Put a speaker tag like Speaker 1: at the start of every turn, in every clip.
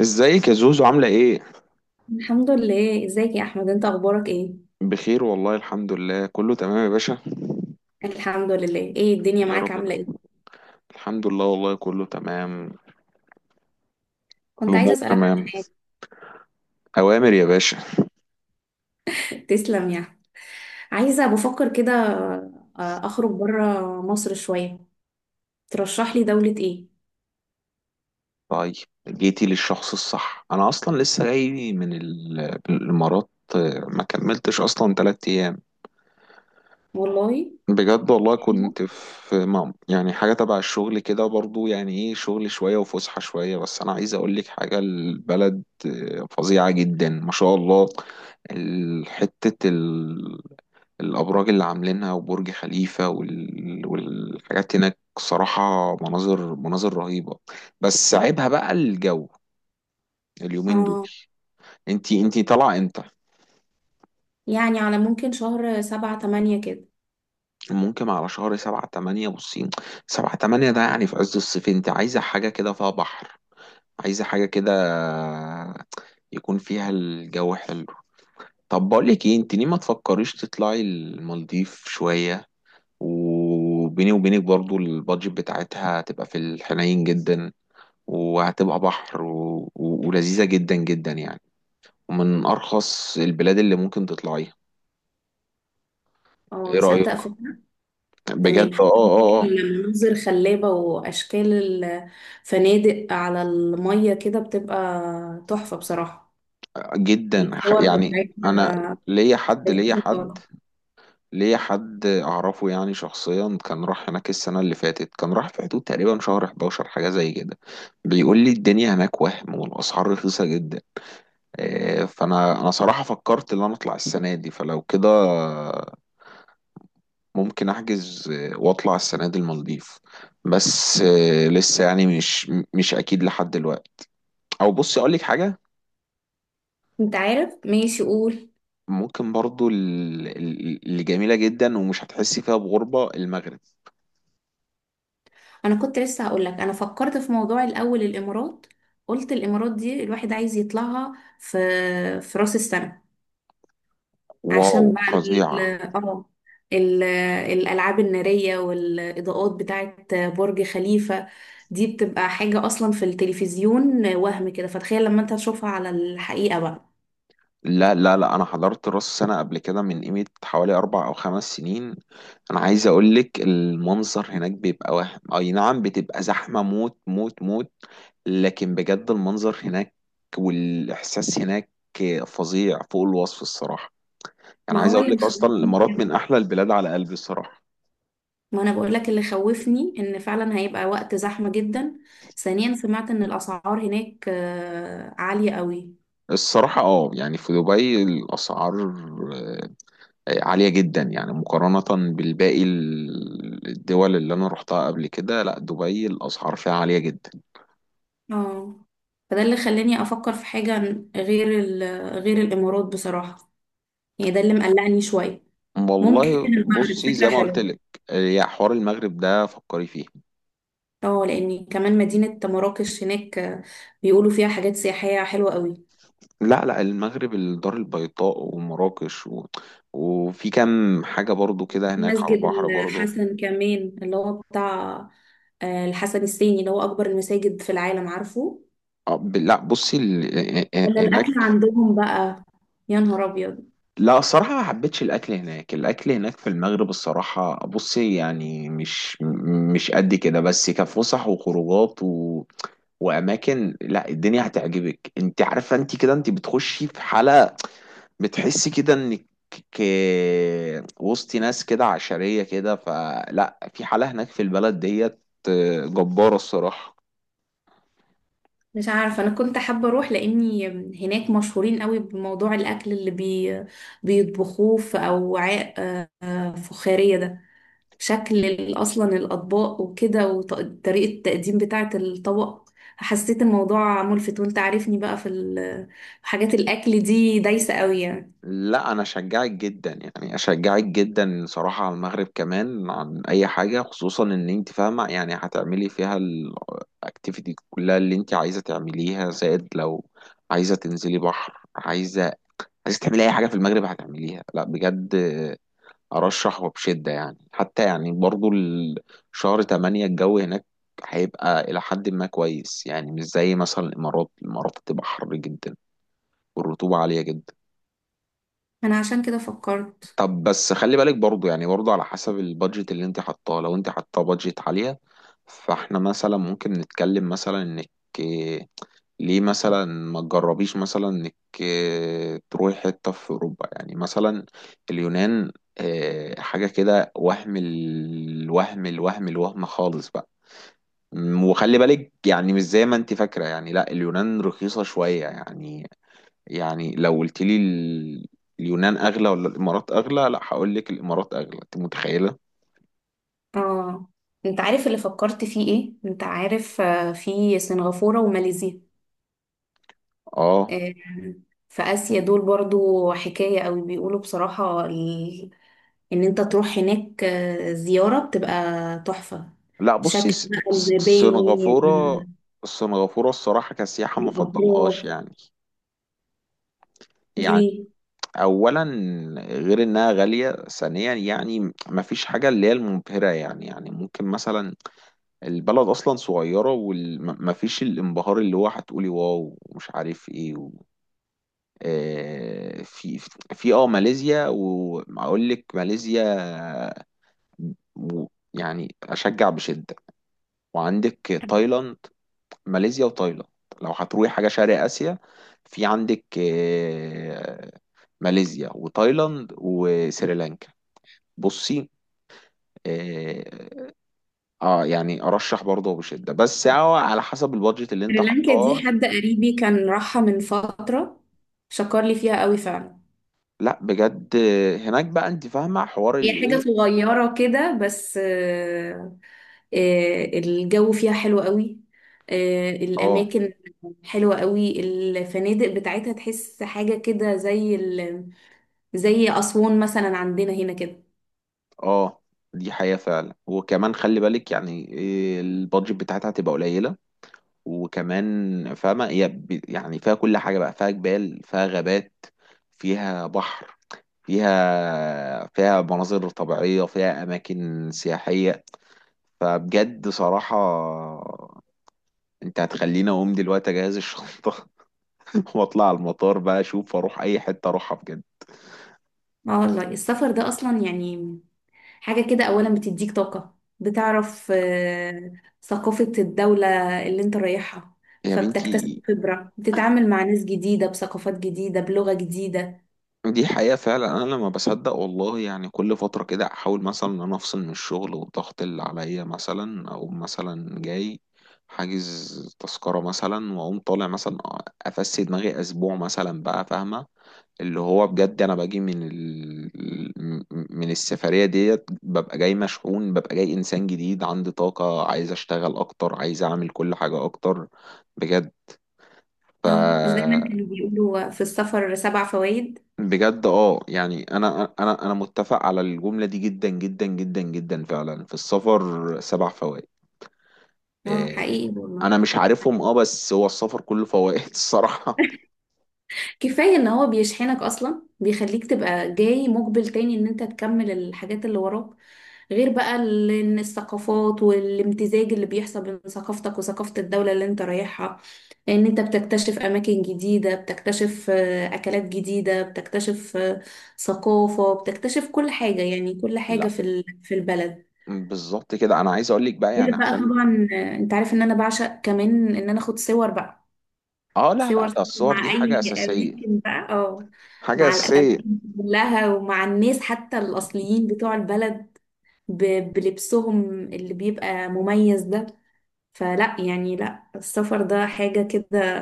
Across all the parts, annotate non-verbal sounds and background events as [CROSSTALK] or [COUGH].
Speaker 1: ازيك يا زوزو عاملة ايه؟
Speaker 2: الحمد لله. ازيك يا احمد؟ انت اخبارك ايه؟
Speaker 1: بخير والله، الحمد لله كله تمام يا باشا.
Speaker 2: الحمد لله. ايه الدنيا
Speaker 1: يا
Speaker 2: معاك؟
Speaker 1: رب. ده
Speaker 2: عامله ايه؟
Speaker 1: الحمد لله والله كله تمام.
Speaker 2: كنت عايزه
Speaker 1: الأمور
Speaker 2: اسالك عن
Speaker 1: تمام.
Speaker 2: حاجه.
Speaker 1: أوامر يا باشا.
Speaker 2: تسلم يعني. عايزه، بفكر كده. اخرج بره مصر شويه. ترشح لي دوله ايه؟
Speaker 1: طيب، جيتي للشخص الصح. أنا أصلا لسه جاي من الإمارات. ما كملتش أصلا تلات أيام.
Speaker 2: والله.
Speaker 1: بجد والله،
Speaker 2: حلوة.
Speaker 1: كنت في مام، يعني حاجة تبع الشغل كده برضو، يعني ايه، شغل شوية وفسحة شوية. بس أنا عايز أقولك حاجة، البلد فظيعة جدا ما شاء الله. حتة الأبراج اللي عاملينها وبرج خليفة والحاجات هناك صراحة، مناظر مناظر رهيبة. بس عيبها بقى الجو اليومين دول.
Speaker 2: اه،
Speaker 1: انتي طالعة امتى؟
Speaker 2: يعني على ممكن شهر 7 8 كده.
Speaker 1: ممكن على شهر سبعة تمانية. بصين، سبعة تمانية ده يعني في عز الصيف، انت عايزة حاجة كده فيها بحر، عايزة حاجة كده يكون فيها الجو حلو. طب بقولك ايه، انت ليه ما تفكريش تطلعي المالديف شوية؟ وبيني وبينك، برضو البادجت بتاعتها تبقى في الحنين جدا، وهتبقى بحر ولذيذة جدا جدا يعني، ومن أرخص البلاد اللي ممكن تطلعيها.
Speaker 2: اه،
Speaker 1: إيه
Speaker 2: تصدق
Speaker 1: رأيك؟
Speaker 2: فكرة.
Speaker 1: بجد.
Speaker 2: تمام،
Speaker 1: آه
Speaker 2: حتى
Speaker 1: آه
Speaker 2: هناك
Speaker 1: آه آه.
Speaker 2: المناظر خلابة، وأشكال الفنادق على المية كده بتبقى تحفة بصراحة.
Speaker 1: جدا.
Speaker 2: الصور
Speaker 1: يعني أنا
Speaker 2: بتاعتها
Speaker 1: ليا حد ليا حد
Speaker 2: لذيذة.
Speaker 1: ليا حد أعرفه يعني، شخصيا كان راح هناك السنة اللي فاتت، كان راح في حدود تقريبا شهر 11، حاجة زي كده. بيقول لي الدنيا هناك وهم، والأسعار رخيصة جدا. فأنا صراحة فكرت إن أنا أطلع السنة دي، فلو كده ممكن احجز، واطلع السنه دي المالديف. بس لسه يعني مش اكيد لحد دلوقتي. او بصي، اقول لك حاجه،
Speaker 2: انت عارف، ماشي قول.
Speaker 1: ممكن برضو، اللي جميله جدا ومش هتحسي فيها بغربه، المغرب.
Speaker 2: انا كنت لسه هقول لك، انا فكرت في موضوع، الاول الامارات. قلت الامارات دي الواحد عايز يطلعها في في راس السنه.
Speaker 1: واو،
Speaker 2: عشان بقى
Speaker 1: فظيعه.
Speaker 2: اه ال- الالعاب الناريه والاضاءات بتاعه برج خليفه. دي بتبقى حاجه اصلا في التلفزيون وهم كده، فتخيل لما انت تشوفها على الحقيقه بقى.
Speaker 1: لا لا لا، انا حضرت راس سنه قبل كده من قيمه حوالي 4 أو 5 سنين. انا عايز اقول لك المنظر هناك بيبقى وهم، اي نعم بتبقى زحمه موت موت موت، لكن بجد المنظر هناك والإحساس هناك فظيع فوق الوصف الصراحة. يعني
Speaker 2: ما
Speaker 1: عايز
Speaker 2: هو
Speaker 1: أقول
Speaker 2: اللي
Speaker 1: لك أصلا،
Speaker 2: مخوفني،
Speaker 1: الإمارات من أحلى البلاد على قلبي الصراحة.
Speaker 2: ما انا بقول لك اللي خوفني ان فعلا هيبقى وقت زحمة جدا. ثانيا، سمعت ان الاسعار هناك عالية قوي.
Speaker 1: الصراحة يعني في دبي الأسعار عالية جدا، يعني مقارنة بالباقي، الدول اللي أنا رحتها قبل كده، لا دبي الأسعار فيها عالية جدا.
Speaker 2: اه، فده اللي خلاني افكر في حاجة غير ال- غير الامارات بصراحة. يعني ده اللي مقلقني شوية. ممكن
Speaker 1: والله
Speaker 2: المغرب
Speaker 1: بصي، زي
Speaker 2: فكرة
Speaker 1: ما قلت لك،
Speaker 2: حلوة.
Speaker 1: يا حوار المغرب ده فكري فيه.
Speaker 2: اه، لان كمان مدينة مراكش هناك، بيقولوا فيها حاجات سياحية حلوة قوي.
Speaker 1: لا لا، المغرب، الدار البيضاء ومراكش وفي كام حاجة برضو كده هناك على
Speaker 2: مسجد
Speaker 1: البحر برضو.
Speaker 2: الحسن كمان اللي هو بتاع الحسن الثاني، اللي هو اكبر المساجد في العالم، عارفه؟
Speaker 1: لا بصي ال... آه، آه، آه،
Speaker 2: ولا
Speaker 1: هناك،
Speaker 2: الاكل عندهم بقى، يا نهار ابيض.
Speaker 1: لا الصراحة ما حبيتش الأكل هناك. الأكل هناك في المغرب الصراحة، بصي يعني، مش مش قد كده، بس كفسح وخروجات وأماكن، لا الدنيا هتعجبك. أنت عارفة أنت كده، أنت بتخشي في حالة، بتحسي كده انك وسط ناس كده عشرية كده. فلا، في حالة هناك في البلد ديت، جبارة الصراحة.
Speaker 2: مش عارفه، انا كنت حابه اروح لاني هناك مشهورين قوي بموضوع الاكل اللي بيطبخوه في اوعاء فخاريه ده. شكل اصلا الاطباق وكده، وطريقه التقديم بتاعه الطبق، حسيت الموضوع ملفت، وانت عارفني بقى في حاجات الاكل دي دايسه قوي يعني.
Speaker 1: لا انا اشجعك جدا، يعني اشجعك جدا صراحة على المغرب كمان عن اي حاجة، خصوصا ان انت فاهمة، يعني هتعملي فيها الاكتيفيتي كلها اللي انت عايزة تعمليها، زائد لو عايزة تنزلي بحر، عايزة تعملي اي حاجة في المغرب هتعمليها. لا بجد، أرشحه بشدة يعني، حتى يعني برضو، شهر تمانية الجو هناك هيبقى إلى حد ما كويس يعني، مش زي مثلا الإمارات. الإمارات هتبقى حر جدا والرطوبة عالية جدا.
Speaker 2: انا عشان كده فكرت.
Speaker 1: طب بس خلي بالك برضو، يعني برضو على حسب البادجت اللي انت حطاه، لو انت حطاه بادجت عالية، فاحنا مثلا ممكن نتكلم مثلا انك ليه مثلا ما تجربيش مثلا انك تروحي حتة في اوروبا، يعني مثلا اليونان، حاجة كده، وهم، الوهم الوهم الوهم خالص بقى. وخلي بالك يعني، مش زي ما انت فاكرة يعني، لا اليونان رخيصة شوية يعني. يعني لو قلت لي، اليونان اغلى ولا الامارات اغلى، لا هقول لك الامارات اغلى، انت متخيلة.
Speaker 2: اه، انت عارف اللي فكرت فيه ايه؟ انت عارف في سنغافوره وماليزيا،
Speaker 1: اه،
Speaker 2: آه، في آسيا دول برضو حكاية قوي، بيقولوا بصراحة، إن أنت تروح هناك زيارة بتبقى تحفة.
Speaker 1: لا بصي،
Speaker 2: شكل بقى المباني،
Speaker 1: سنغافورة. سنغافورة الصراحة كسياحة ما
Speaker 2: الأبراج.
Speaker 1: فضلهاش يعني. يعني
Speaker 2: ليه؟
Speaker 1: اولا غير انها غاليه، ثانيا يعني مفيش حاجه اللي هي المبهره يعني، يعني ممكن مثلا، البلد اصلا صغيره، ومفيش الانبهار اللي هو هتقولي واو ومش عارف ايه في ماليزيا، واقول لك ماليزيا و... يعني اشجع بشده، وعندك تايلاند، ماليزيا وتايلاند، لو هتروحي حاجه شرق اسيا، في عندك ماليزيا وتايلاند وسريلانكا. بصي، اه، يعني ارشح برضه بشده، بس هو على حسب البادجت اللي انت
Speaker 2: سريلانكا دي
Speaker 1: حطاه.
Speaker 2: حد قريبي كان راحها من فترة، شكر لي فيها قوي فعلا.
Speaker 1: لا بجد، هناك بقى انت فاهمه حوار
Speaker 2: هي
Speaker 1: اللي
Speaker 2: حاجة
Speaker 1: ايه.
Speaker 2: صغيرة كده، بس الجو فيها حلو قوي.
Speaker 1: اه.
Speaker 2: الأماكن حلوة قوي، الفنادق بتاعتها تحس حاجة كده زي أسوان مثلا عندنا هنا كده.
Speaker 1: اه، دي حقيقه فعلا، وكمان خلي بالك يعني إيه، البادجت بتاعتها هتبقى قليله. وكمان فاهمه هي، يعني فيها كل حاجه بقى، فيها جبال فيها غابات فيها بحر، فيها مناظر طبيعيه، فيها اماكن سياحيه. فبجد صراحه، انت هتخليني اقوم دلوقتي اجهز الشنطه [LAUGHS] واطلع على المطار بقى، اشوف اروح اي حته اروحها بجد.
Speaker 2: اه، والله السفر ده أصلا يعني حاجة كده، أولا بتديك طاقة، بتعرف ثقافة الدولة اللي انت رايحها.
Speaker 1: يا
Speaker 2: فبتكتسب
Speaker 1: بنتي،
Speaker 2: خبرة، بتتعامل مع ناس جديدة، بثقافات جديدة، بلغة جديدة.
Speaker 1: دي حقيقه فعلا. انا لما بصدق والله، يعني كل فتره كده احاول مثلا ان انا افصل من الشغل والضغط اللي عليا، مثلا او مثلا جاي حاجز تذكره مثلا، واقوم طالع مثلا، افسي دماغي اسبوع مثلا بقى فاهمه، اللي هو بجد انا باجي من السفرية ديت، ببقى جاي مشحون، ببقى جاي انسان جديد عندي طاقة، عايز اشتغل اكتر، عايز اعمل كل حاجة اكتر بجد. ف...
Speaker 2: اه، مش دايما كانوا بيقولوا في السفر سبع فوائد؟
Speaker 1: بجد، يعني انا متفق على الجملة دي جدا جدا جدا جدا، فعلا في السفر 7 فوائد.
Speaker 2: اه،
Speaker 1: إيه،
Speaker 2: حقيقي والله.
Speaker 1: انا مش عارفهم، بس هو السفر كله فوائد الصراحة.
Speaker 2: كفاية ان هو بيشحنك اصلا، بيخليك تبقى جاي مقبل تاني، ان انت تكمل الحاجات اللي وراك. غير بقى ان الثقافات والامتزاج اللي بيحصل بين ثقافتك وثقافة الدولة اللي انت رايحها، ان انت بتكتشف اماكن جديدة، بتكتشف اكلات جديدة، بتكتشف ثقافة، بتكتشف كل حاجة، يعني كل حاجة
Speaker 1: لا
Speaker 2: في البلد.
Speaker 1: بالظبط كده، انا عايز اقول لك بقى
Speaker 2: غير
Speaker 1: يعني
Speaker 2: بقى
Speaker 1: عشان.
Speaker 2: طبعا انت عارف ان انا بعشق كمان ان انا اخد صور بقى.
Speaker 1: اه، لا لا،
Speaker 2: صور
Speaker 1: ده الصور دي
Speaker 2: مع
Speaker 1: حاجة
Speaker 2: اي
Speaker 1: اساسية.
Speaker 2: اماكن بقى، اه.
Speaker 1: حاجة
Speaker 2: مع
Speaker 1: أساسية،
Speaker 2: الاماكن كلها، ومع الناس حتى الاصليين بتوع البلد، بلبسهم اللي بيبقى مميز ده. فلا يعني، لا السفر ده حاجة كده.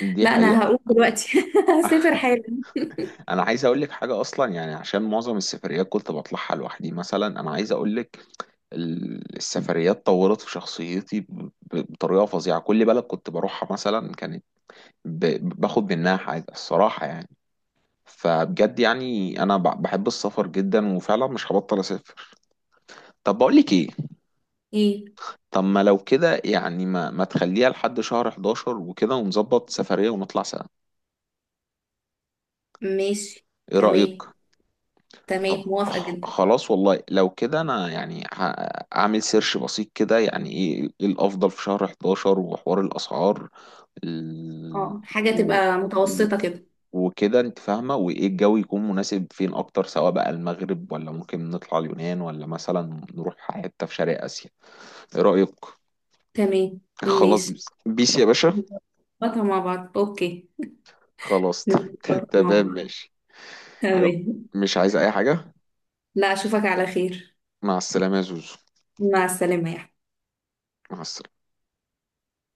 Speaker 1: دي
Speaker 2: لا انا
Speaker 1: حقيقة.
Speaker 2: هقوم دلوقتي [LAUGHS] هسافر
Speaker 1: [LAUGHS]
Speaker 2: حالا.
Speaker 1: أنا عايز أقول لك حاجة أصلا، يعني عشان معظم السفريات كنت بطلعها لوحدي مثلا، أنا عايز أقول لك، السفريات طورت في شخصيتي، بطريقة فظيعة. كل بلد كنت بروحها مثلا، كانت باخد منها حاجة الصراحة يعني. فبجد يعني أنا بحب السفر جدا، وفعلا مش هبطل أسافر. طب بقول لك إيه،
Speaker 2: ايه؟
Speaker 1: طب ما لو كده يعني، ما تخليها لحد شهر 11 وكده، ونظبط سفرية ونطلع سوا.
Speaker 2: ماشي.
Speaker 1: إيه رأيك؟
Speaker 2: تمام،
Speaker 1: طب،
Speaker 2: تمام، موافقة جدا.
Speaker 1: خلاص والله لو كده، انا يعني هعمل سيرش بسيط كده، يعني ايه الافضل في شهر 11 وحوار الاسعار، ال...
Speaker 2: اه، حاجة
Speaker 1: و...
Speaker 2: تبقى
Speaker 1: و-
Speaker 2: متوسطة كده.
Speaker 1: وكده انت فاهمه، وايه الجو يكون مناسب فين اكتر، سواء بقى المغرب ولا ممكن نطلع اليونان ولا مثلا نروح حته في شرق اسيا. ايه رايك؟
Speaker 2: تمام،
Speaker 1: [LAUGHS] خلاص،
Speaker 2: ماشي.
Speaker 1: بيس يا باشا.
Speaker 2: نظبطها مع بعض، اوكي.
Speaker 1: خلاص. [LAUGHS]
Speaker 2: نظبطها مع
Speaker 1: تمام
Speaker 2: بعض.
Speaker 1: ماشي. يلا،
Speaker 2: تمام.
Speaker 1: مش عايز اي حاجه.
Speaker 2: لا، اشوفك على خير.
Speaker 1: مع السلامه يا زوزو.
Speaker 2: مع السلامة، يا
Speaker 1: مع السلامه.